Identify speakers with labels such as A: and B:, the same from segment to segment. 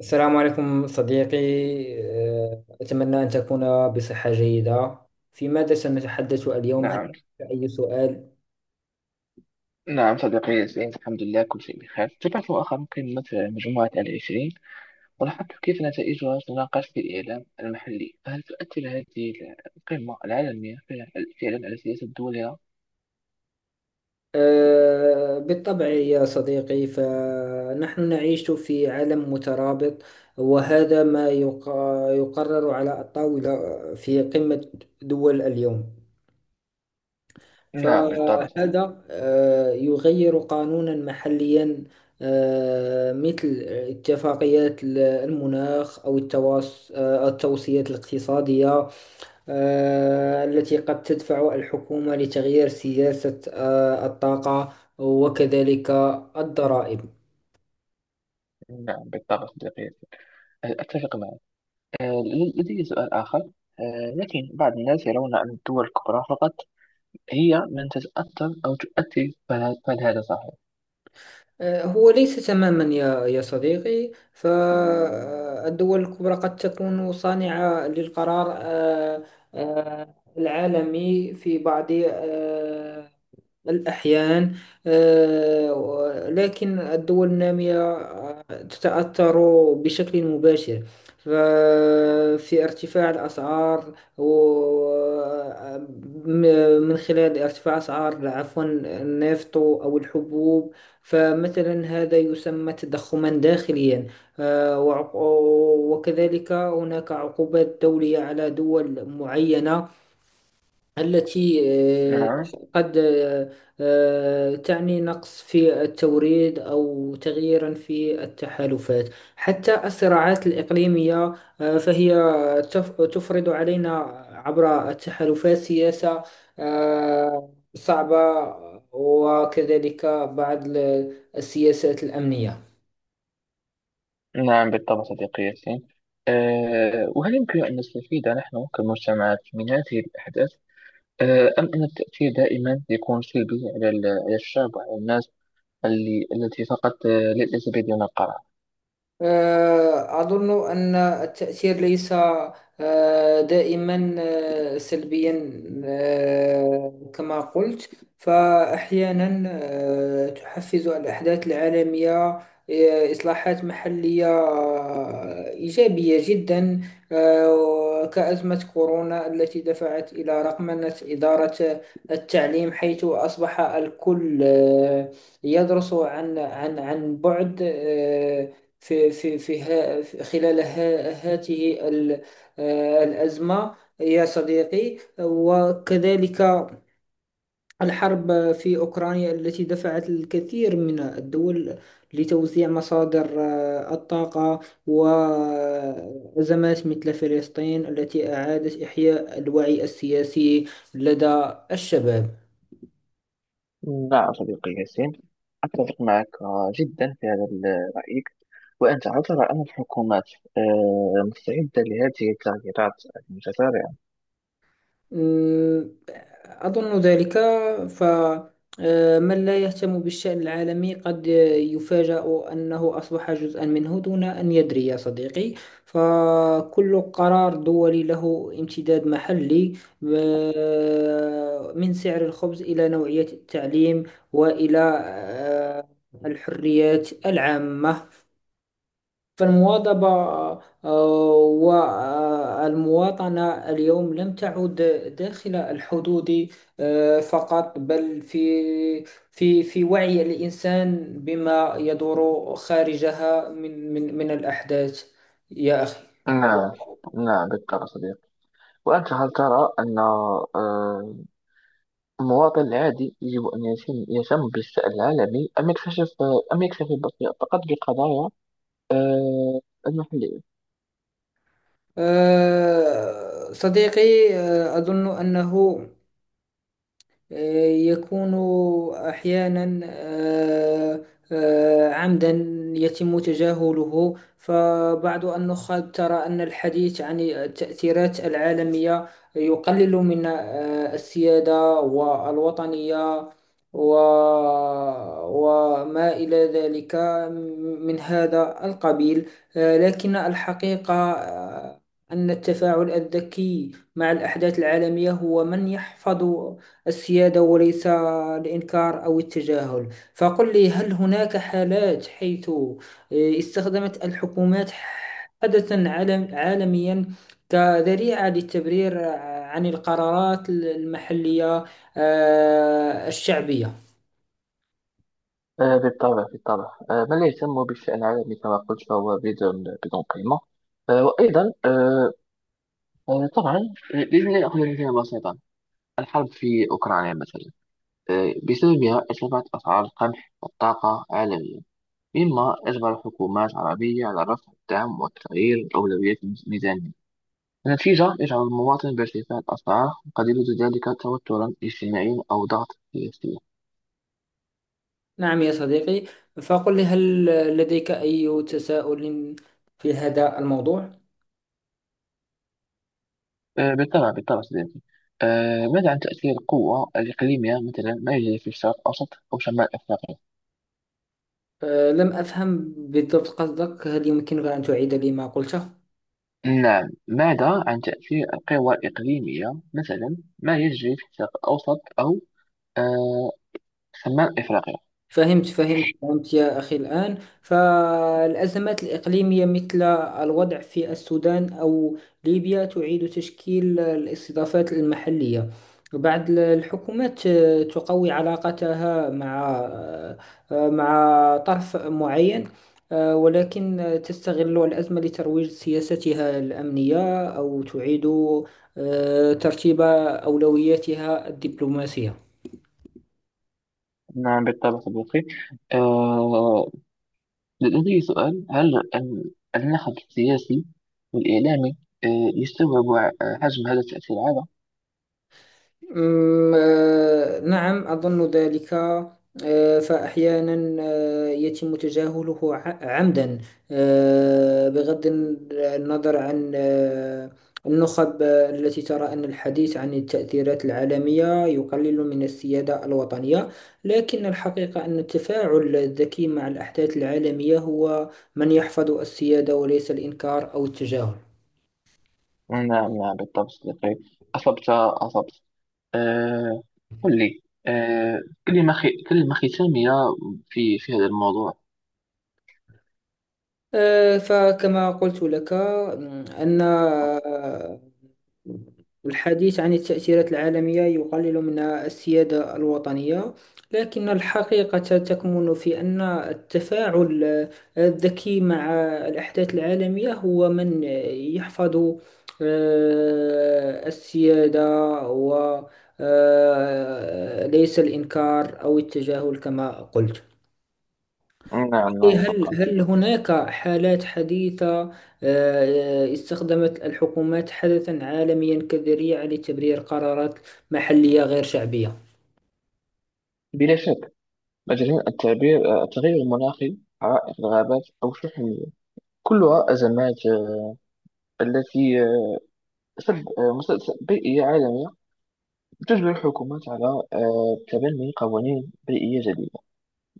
A: السلام عليكم صديقي. أتمنى أن تكون بصحة جيدة. في ماذا سنتحدث اليوم، هل
B: نعم،
A: أي سؤال؟
B: نعم صديقي، سعيد الحمد لله كل شيء بخير. تابعت مؤخرا قمة مجموعة 20 ولاحظت كيف نتائجها تناقش في الإعلام المحلي، فهل تؤثر هذه القمة العالمية فعلاً على سياسة دولها؟
A: بالطبع يا صديقي، فنحن نعيش في عالم مترابط، وهذا ما يقرر على الطاولة في قمة دول اليوم.
B: نعم بالطبع صديقي.
A: فهذا يغير قانونا محليا، مثل اتفاقيات المناخ أو التوصيات الاقتصادية التي قد تدفع الحكومة لتغيير سياسة الطاقة، وكذلك الضرائب.
B: نعم بالطبع صديقي، أتفق معك. آه، لدي سؤال آخر. لكن بعض الناس يرون أن الدول الكبرى فقط هي من تتأثر أو تؤثر، فهل هذا صحيح؟
A: هو ليس تماما يا صديقي، فالدول الكبرى قد تكون صانعة للقرار العالمي في بعض الأحيان. لكن الدول النامية تتأثر بشكل مباشر، ففي ارتفاع الأسعار من خلال ارتفاع أسعار، عفوا، النفط أو الحبوب. فمثلا هذا يسمى تضخما داخليا. آه، وعق- وكذلك هناك عقوبات دولية على دول معينة، التي
B: نعم،
A: قد تعني نقص في التوريد أو تغييرا في التحالفات، حتى الصراعات الإقليمية فهي تفرض علينا عبر التحالفات سياسة صعبة، وكذلك بعض السياسات الأمنية.
B: نعم بالطبع صديقي ياسين. وهل يمكن أن نستفيد نحن كمجتمعات من هذه الأحداث، أم أن التأثير دائما يكون سلبي على على الشعب وعلى الناس التي فقط ليس بيدنا القرار؟
A: أظن أن التأثير ليس دائما سلبيا، كما قلت. فأحيانا تحفز الأحداث العالمية إصلاحات محلية إيجابية جدا، كأزمة كورونا التي دفعت إلى رقمنة إدارة التعليم، حيث أصبح الكل يدرس عن بعد خلال هاته الأزمة يا صديقي. وكذلك الحرب في أوكرانيا التي دفعت الكثير من الدول لتوزيع مصادر الطاقة، وأزمات مثل فلسطين التي أعادت إحياء الوعي السياسي لدى الشباب.
B: نعم صديقي ياسين، أتفق معك جدا في هذا رأيك. وأنت ترى أن الحكومات مستعدة لهذه التغييرات المتسارعة؟
A: مم، أظن ذلك. ف آه، من لا يهتم بالشأن العالمي قد يفاجأ أنه أصبح جزءا منه دون أن يدري يا صديقي. فكل قرار دولي له امتداد محلي، من سعر الخبز إلى نوعية التعليم، وإلى آه، الحريات العامة. فالمواظبة آه، والمواطنة اليوم لم تعد داخل الحدود فقط، بل في وعي الإنسان بما يدور خارجها من الأحداث يا أخي.
B: نعم، نعم بالطبع صديقي. وأنت هل ترى أن المواطن العادي يجب أن يهتم بالشأن العالمي، أم يكتشف أم يكتفي فقط بقضايا آه، المحلية؟
A: صديقي، أظن أنه يكون أحيانا عمدا يتم تجاهله. فبعض النخب ترى أن الحديث عن التأثيرات العالمية يقلل من السيادة والوطنية و... وما إلى ذلك من هذا القبيل. لكن الحقيقة أن التفاعل الذكي مع الأحداث العالمية هو من يحفظ السيادة، وليس الإنكار أو التجاهل. فقل لي، هل هناك حالات حيث استخدمت الحكومات حدثا عالميا كذريعة للتبرير عن القرارات المحلية الشعبية؟
B: بالطبع، بالطبع، من لا يهتم بالشأن العالمي كما قلت فهو بدون قيمة. وأيضا، طبعا لازم نأخذ مثالا بسيطا. الحرب في أوكرانيا مثلا، بسببها ارتفعت أسعار القمح والطاقة عالميا، مما أجبر الحكومات العربية على رفع الدعم والتغيير أولويات الميزانية، في جهر يجعل المواطن بارتفاع الأسعار، وقد يزيد ذلك توترا اجتماعيا أو ضغط سياسي.
A: نعم يا صديقي، فقل لي، هل لديك أي تساؤل في هذا الموضوع؟
B: بالطبع، بالطبع صديقي. ماذا عن تأثير القوة الإقليمية، مثلا ما يجري في الشرق الأوسط أو شمال أفريقيا؟
A: لم أفهم بالضبط قصدك، هل يمكنك أن تعيد لي ما قلته؟
B: نعم، ماذا عن تأثير القوى الإقليمية، مثلا ما يجري في الشرق الأوسط أو آه، شمال أفريقيا؟
A: فهمت يا أخي الآن. فالأزمات الإقليمية مثل الوضع في السودان أو ليبيا تعيد تشكيل الاستضافات المحلية. بعض الحكومات تقوي علاقتها مع مع طرف معين، ولكن تستغل الأزمة لترويج سياستها الأمنية، أو تعيد ترتيب أولوياتها الدبلوماسية.
B: نعم بالطبع صديقي، لدي سؤال. هل النهج السياسي والإعلامي آه، يستوعب حجم هذا التأثير هذا؟
A: أمم، آه، نعم أظن ذلك. فأحيانا يتم تجاهله عمدا، بغض النظر عن النخب التي ترى أن الحديث عن التأثيرات العالمية يقلل من السيادة الوطنية. لكن الحقيقة أن التفاعل الذكي مع الأحداث العالمية هو من يحفظ السيادة، وليس الإنكار أو التجاهل.
B: نعم، نعم بالطبع صديقي، أصبت، أصبت. آه، قل لي، آه، كلمة ختامية في هذا الموضوع.
A: فكما قلت لك، أن الحديث عن التأثيرات العالمية يقلل من السيادة الوطنية، لكن الحقيقة تكمن في أن التفاعل الذكي مع الأحداث العالمية هو من يحفظ السيادة، و ليس الإنكار أو التجاهل كما قلت.
B: نعم، نعم
A: إيه،
B: حقا.
A: هل هناك حالات حديثة استخدمت الحكومات حدثا عالميا كذريعة لتبرير قرارات محلية غير شعبية؟
B: بلا شك، مجال التعبير، التغير المناخي، حرائق الغابات أو شحن المياه، كلها أزمات، التي مسبب بيئي عالمي، تجبر الحكومات على تبني قوانين بيئية جديدة،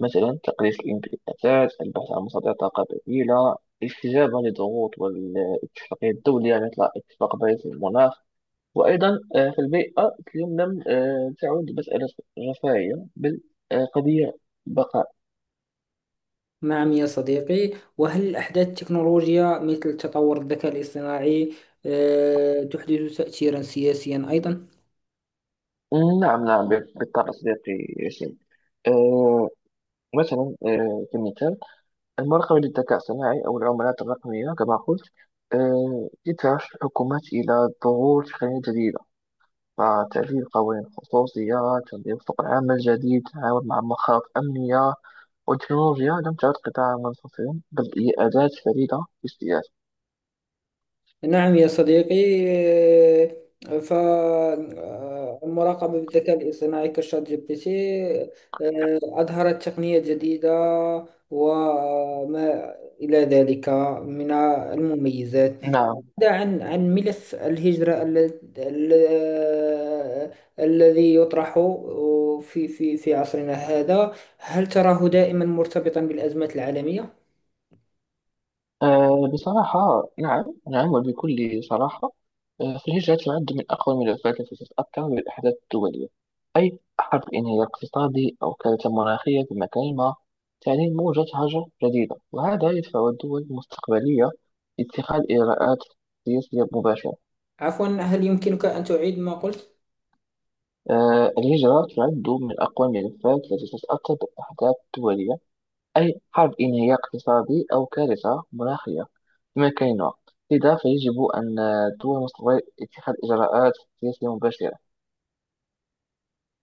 B: مثلا تقليص الانبعاثات، البحث عن مصادر طاقة بديلة، الاستجابة للضغوط والاتفاقية الدولية مثل اتفاق باريس للمناخ. وأيضا، في البيئة اليوم لم تعد مسألة رفاهية، بل قضية بقاء.
A: نعم يا صديقي، وهل أحداث التكنولوجيا مثل تطور الذكاء الاصطناعي تحدث تأثيرا سياسيا أيضا؟
B: نعم، نعم بالطبع صديقي ياسين. آه، مثلا، كمثال، المراقبة للذكاء الصناعي أو العملات الرقمية، كما قلت، تدفع الحكومات إلى ظهور تقنيات جديدة، فتعديل قوانين الخصوصية، تنظيم سوق العمل الجديد، تعاون مع مخاوف أمنية. والتكنولوجيا لم تعد قطاعا منفصلا، بل هي أداة فريدة في السياسة.
A: نعم يا صديقي، فالمراقبة بالذكاء الاصطناعي كشات جي بي تي أظهرت تقنية جديدة، وما إلى ذلك من المميزات.
B: نعم.
A: بعد عن ملف الهجرة ال- الذي يطرح في عصرنا هذا، هل تراه دائما مرتبطا بالأزمات العالمية؟
B: بصراحة نعم، نعم وبكل صراحة. فالهجرة تعد من أقوى ملفات التي تتأثر بالأحداث الدولية، أي حرب، انهيار اقتصادي، أو كارثة مناخية في مكان ما تعني موجة هجر جديدة، وهذا يدفع الدول المستقبلية لاتخاذ إجراءات سياسية مباشرة.
A: عفوا، هل يمكنك أن تعيد ما قلت؟
B: الهجرة تعد من أقوى الملفات التي تتأثر بالأحداث الدولية، أي حرب، انهيار اقتصادي، أو كارثة مناخية، بما كان الوقت، لذا فيجب أن الدول المستقبلية اتخاذ إجراءات سياسية مباشرة.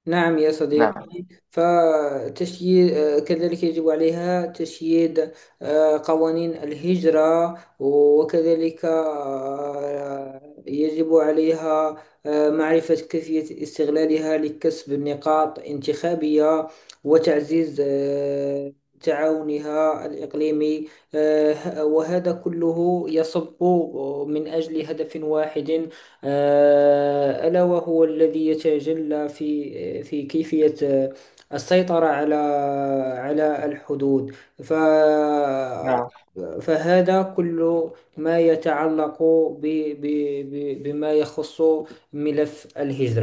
A: نعم يا
B: نعم،
A: صديقي. فتشييد كذلك يجب عليها تشييد قوانين الهجرة، وكذلك يجب عليها معرفة كيفية استغلالها لكسب نقاط انتخابية، وتعزيز تعاونها الإقليمي. وهذا كله يصب من أجل هدف واحد، ألا وهو الذي يتجلى في كيفية السيطرة على الحدود. ف
B: نعم.
A: فهذا كل ما يتعلق ب ب ب بما يخص ملف الهجرة